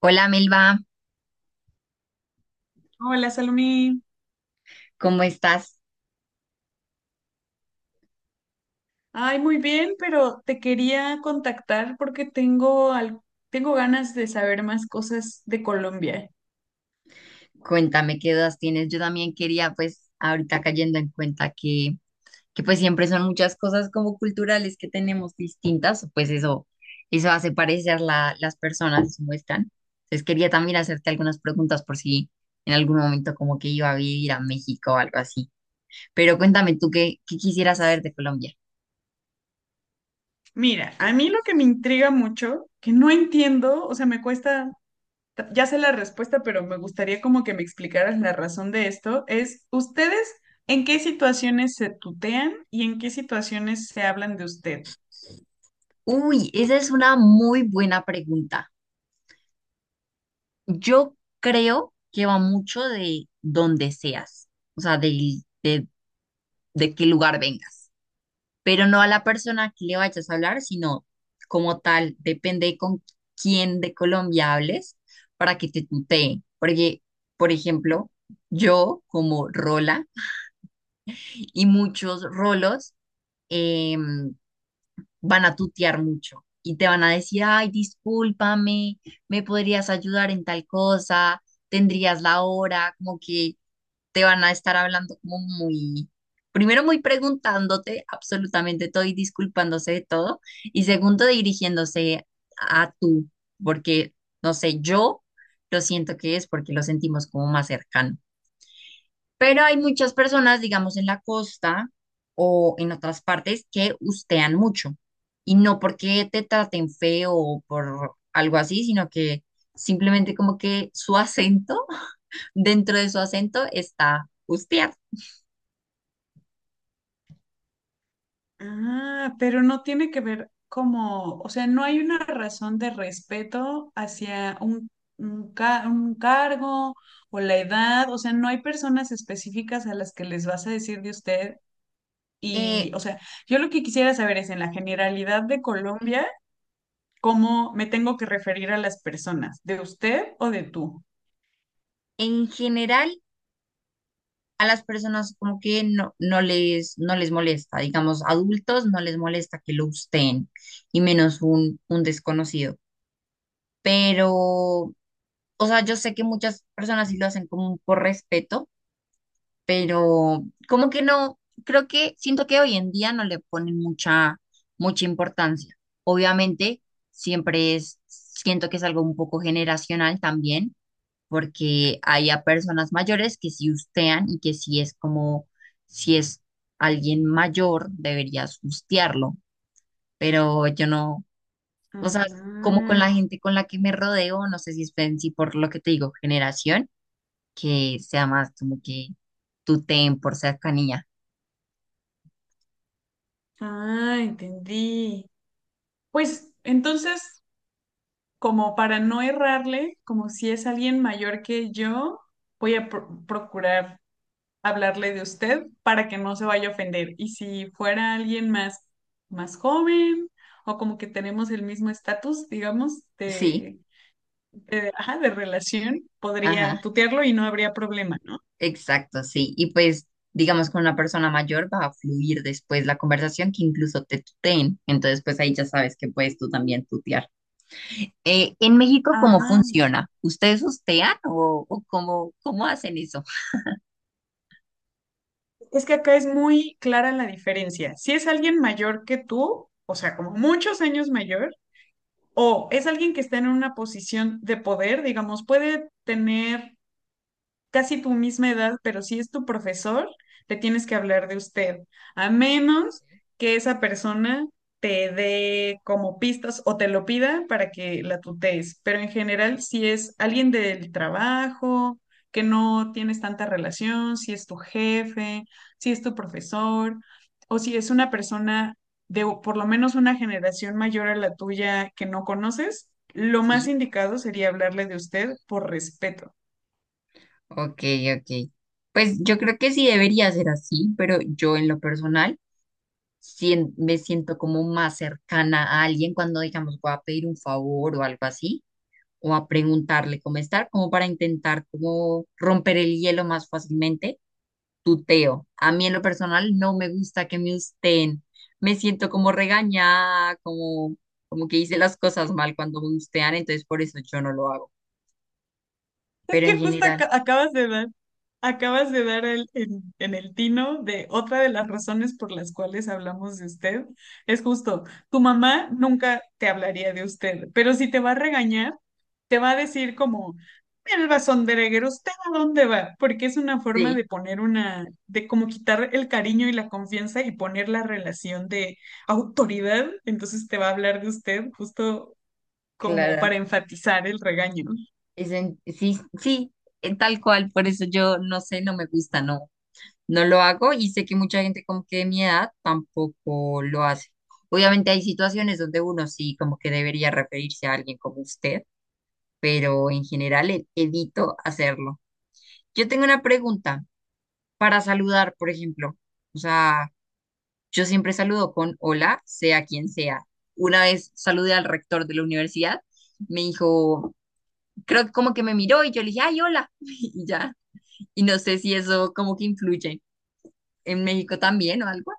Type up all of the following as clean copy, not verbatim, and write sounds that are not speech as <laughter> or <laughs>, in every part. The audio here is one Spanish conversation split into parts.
Hola Melba, Hola, Salomí. ¿cómo estás? Ay, muy bien, pero te quería contactar porque tengo, tengo ganas de saber más cosas de Colombia. Cuéntame qué dudas tienes. Yo también quería, pues, ahorita cayendo en cuenta que, que siempre son muchas cosas como culturales que tenemos distintas, pues eso hace parecer las personas como están. Entonces quería también hacerte algunas preguntas por si en algún momento como que iba a vivir a México o algo así. Pero cuéntame tú qué, qué quisieras saber de Colombia. Mira, a mí lo que me intriga mucho, que no entiendo, o sea, me cuesta, ya sé la respuesta, pero me gustaría como que me explicaras la razón de esto, es ¿ustedes en qué situaciones se tutean y en qué situaciones se hablan de usted? Uy, esa es una muy buena pregunta. Yo creo que va mucho de dónde seas, o sea, de qué lugar vengas, pero no a la persona que le vayas a hablar, sino como tal, depende con quién de Colombia hables para que te tuteen. Porque, por ejemplo, yo como Rola y muchos Rolos em, van a tutear mucho y te van a decir, ay, discúlpame, me podrías ayudar en tal cosa, tendrías la hora, como que te van a estar hablando como muy, primero muy preguntándote absolutamente todo y disculpándose de todo, y segundo dirigiéndose a tú, porque, no sé, yo lo siento que es porque lo sentimos como más cercano. Pero hay muchas personas, digamos, en la costa o en otras partes que ustean mucho. Y no porque te traten feo o por algo así, sino que simplemente como que su acento, <laughs> dentro de su acento está ustear. Ah, pero no tiene que ver como, o sea, no hay una razón de respeto hacia un cargo o la edad, o sea, no hay personas específicas a las que les vas a decir de usted y, eh, o sea, yo lo que quisiera saber es en la generalidad de Colombia, ¿cómo me tengo que referir a las personas? ¿De usted o de tú? en general a las personas como que no, no les molesta, digamos, adultos no les molesta que lo usen y menos un desconocido. Pero, o sea, yo sé que muchas personas sí lo hacen como por respeto, pero como que no, creo que siento que hoy en día no le ponen mucha, mucha importancia. Obviamente, siempre es, siento que es algo un poco generacional también porque hay a personas mayores que sí hustean y que sí es como, si es alguien mayor, deberías hustearlo, pero yo no, o sea, como con Ah, la gente con la que me rodeo, no sé si es si por lo que te digo, generación, que sea más como que tuteen por cercanía. ah, entendí. Pues entonces como para no errarle, como si es alguien mayor que yo, voy a procurar hablarle de usted para que no se vaya a ofender. Y si fuera alguien más, más joven o como que tenemos el mismo estatus, digamos, Sí, ajá, de relación, podría ajá, tutearlo y no habría problema, ¿no? exacto, sí. Y pues, digamos, con una persona mayor va a fluir después la conversación que incluso te tuteen, entonces pues ahí ya sabes que puedes tú también tutear. En México, ¿cómo Ah, funciona? ¿Ustedes hostean o cómo, cómo hacen eso? es que acá es muy clara la diferencia. Si es alguien mayor que tú, o sea, como muchos años mayor, o es alguien que está en una posición de poder, digamos, puede tener casi tu misma edad, pero si es tu profesor, le tienes que hablar de usted, a menos que esa persona te dé como pistas o te lo pida para que la tutees. Pero en general, si es alguien del trabajo, que no tienes tanta relación, si es tu jefe, si es tu profesor, o si es una persona de por lo menos una generación mayor a la tuya que no conoces, lo más Sí, indicado sería hablarle de usted por respeto. ok, ok. Pues yo creo que sí debería ser así, pero yo en lo personal me siento como más cercana a alguien cuando, digamos, voy a pedir un favor o algo así, o a preguntarle cómo estar, como para intentar como romper el hielo más fácilmente. Tuteo. A mí en lo personal no me gusta que me usteen. Me siento como regañada, como, como que hice las cosas mal cuando me ustean, entonces por eso yo no lo hago. Es Pero en que justo general, acabas de dar en el tino de otra de las razones por las cuales hablamos de usted. Es justo, tu mamá nunca te hablaría de usted, pero si te va a regañar, te va a decir como, el rezondereguero, ¿usted a dónde va? Porque es una forma sí, de poner una, de como quitar el cariño y la confianza y poner la relación de autoridad. Entonces te va a hablar de usted justo como claro. para enfatizar el regaño. Sí, sí, tal cual. Por eso yo no sé, no me gusta, no, no lo hago y sé que mucha gente como que de mi edad tampoco lo hace. Obviamente hay situaciones donde uno sí como que debería referirse a alguien como usted, pero en general evito hacerlo. Yo tengo una pregunta. Para saludar, por ejemplo. O sea, yo siempre saludo con hola, sea quien sea. Una vez saludé al rector de la universidad, me dijo, creo que como que me miró y yo le dije, ay, hola, <laughs> y ya. Y no sé si eso como que influye en México también o algo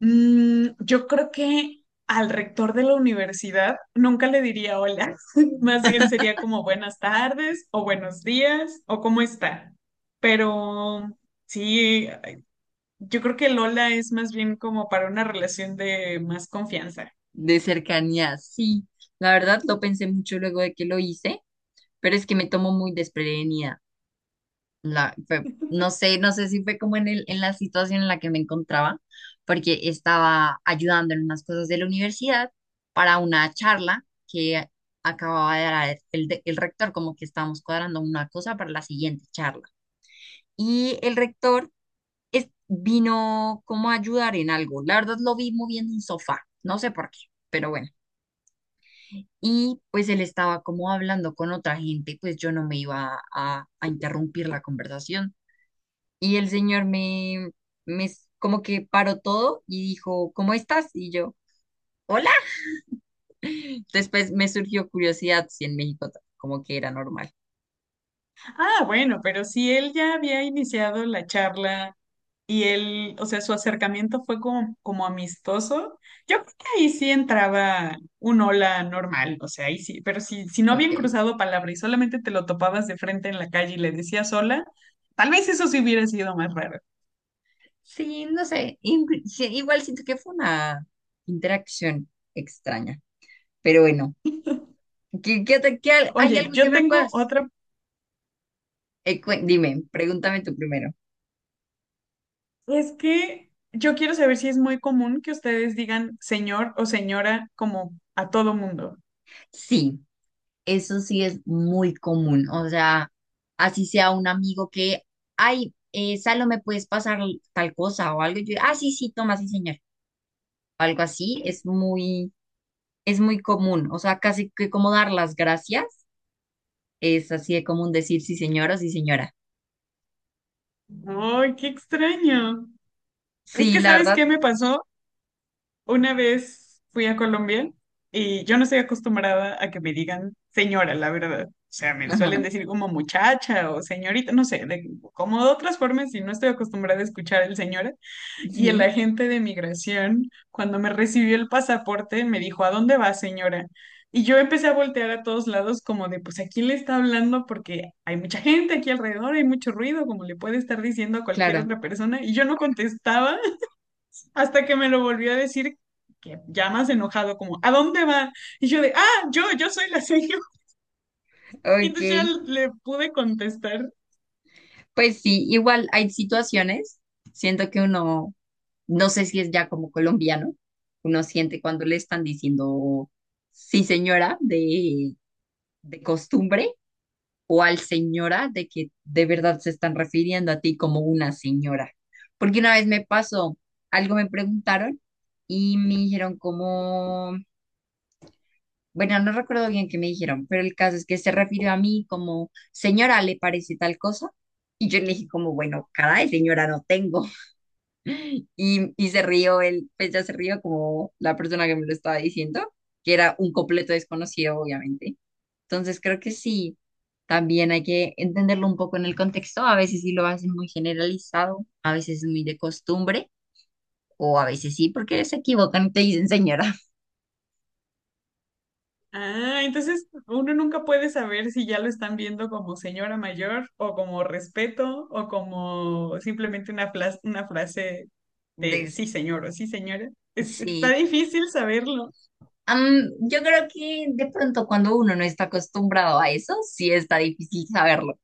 Mm, yo creo que al rector de la universidad nunca le diría hola, <laughs> más bien sería como buenas tardes o buenos días o cómo está. Pero sí, yo creo que el hola es más bien como para una relación de más confianza. de cercanía. Sí, la verdad lo pensé mucho luego de que lo hice, pero es que me tomo muy desprevenida. No sé, no sé si fue como en el, en la situación en la que me encontraba, porque estaba ayudando en unas cosas de la universidad para una charla que acababa de dar el, el rector, como que estábamos cuadrando una cosa para la siguiente charla. Y el rector vino como a ayudar en algo. La verdad lo vi moviendo un sofá, no sé por qué, pero bueno. Y pues él estaba como hablando con otra gente, pues yo no me iba a interrumpir la conversación. Y el señor me, como que paró todo y dijo, ¿cómo estás? Y yo, hola. Después me surgió curiosidad si en México como que era normal. Ah, bueno, pero si él ya había iniciado la charla. Y él, o sea, su acercamiento fue como, como amistoso. Yo creo que ahí sí entraba un hola normal, o sea, ahí sí, pero si, si no habían Ok. cruzado palabra y solamente te lo topabas de frente en la calle y le decías hola, tal vez eso sí hubiera sido más raro. Sí, no sé. Sí, igual siento que fue una interacción extraña. Pero bueno, ¿qué, hay Oye, algo que yo me tengo puedas? otra, Dime, pregúntame tú primero. es que yo quiero saber si es muy común que ustedes digan señor o señora como a todo mundo. Sí. Eso sí es muy común, o sea, así sea un amigo que, ay, Salo, ¿me puedes pasar tal cosa o algo? Y yo, ah, sí, sí, toma, sí, señor. Algo así es muy común, o sea, casi que como dar las gracias, es así de común decir sí, señor o sí, señora. ¡Ay, qué extraño! Es Sí, que, la ¿sabes verdad, qué me pasó? Una vez fui a Colombia y yo no estoy acostumbrada a que me digan señora, la verdad. O sea, me suelen ajá, decir como muchacha o señorita, no sé, como de otras formas y no estoy acostumbrada a escuchar el señora. Y el sí, agente de migración, cuando me recibió el pasaporte, me dijo, ¿a dónde va, señora? Y yo empecé a voltear a todos lados como de, pues, ¿a quién le está hablando? Porque hay mucha gente aquí alrededor, hay mucho ruido, como le puede estar diciendo a cualquier claro, otra persona. Y yo no contestaba hasta que me lo volvió a decir, que ya más enojado, como, ¿a dónde va? Y yo de, ah, yo soy la seño. <laughs> Y entonces ya ok, le pude contestar. pues sí, igual hay situaciones, siento que uno no sé si es ya como colombiano, uno siente cuando le están diciendo sí señora de costumbre o al señora de que de verdad se están refiriendo a ti como una señora. Porque una vez me pasó, algo me preguntaron y me dijeron como, bueno, no recuerdo bien qué me dijeron, pero el caso es que se refirió a mí como, señora, ¿le parece tal cosa? Y yo le dije como, bueno, caray, señora, no tengo. Y se rió él, pues ya se rió como la persona que me lo estaba diciendo, que era un completo desconocido, obviamente. Entonces creo que sí, también hay que entenderlo un poco en el contexto. A veces sí lo hacen muy generalizado, a veces muy de costumbre, o a veces sí, porque se equivocan y te dicen señora. Ah, entonces uno nunca puede saber si ya lo están viendo como señora mayor o como respeto o como simplemente una frase <laughs> de Des- sí señor o sí señora. Está sí. difícil saberlo. Am, yo creo que de pronto cuando uno no está acostumbrado a eso, sí está difícil saberlo.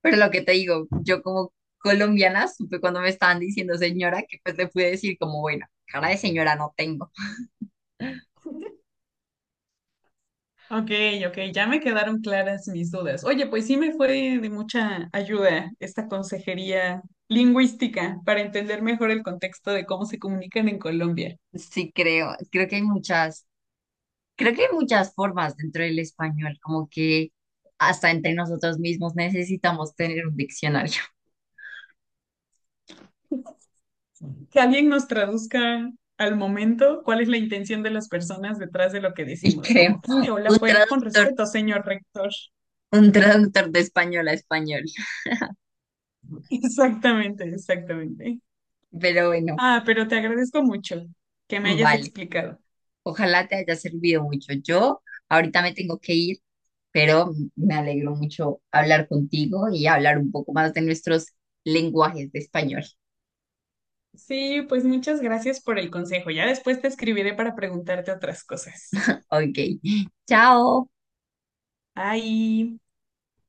Pero lo que te digo, yo como colombiana supe cuando me estaban diciendo señora que pues le pude decir como, bueno, cara de señora no tengo. Ok, ok, ya me quedaron claras mis dudas. Oye, pues sí me fue de mucha ayuda esta consejería lingüística para entender mejor el contexto de cómo se comunican en Colombia. Sí creo, creo que hay muchas formas dentro del español, como que hasta entre nosotros mismos necesitamos tener un diccionario. <laughs> Que alguien nos traduzca al momento cuál es la intención de las personas detrás de lo que Y decimos, creo, como, este hola un fue con traductor, respeto, señor rector. un traductor de español a español. <laughs> Exactamente, exactamente. Pero bueno, Ah, pero te agradezco mucho que me hayas vale. explicado. Ojalá te haya servido mucho. Yo ahorita me tengo que ir, pero me alegro mucho hablar contigo y hablar un poco más de nuestros lenguajes de español. Sí, pues muchas gracias por el consejo. Ya después te escribiré para preguntarte otras cosas. Ok, <laughs> chao. Ahí.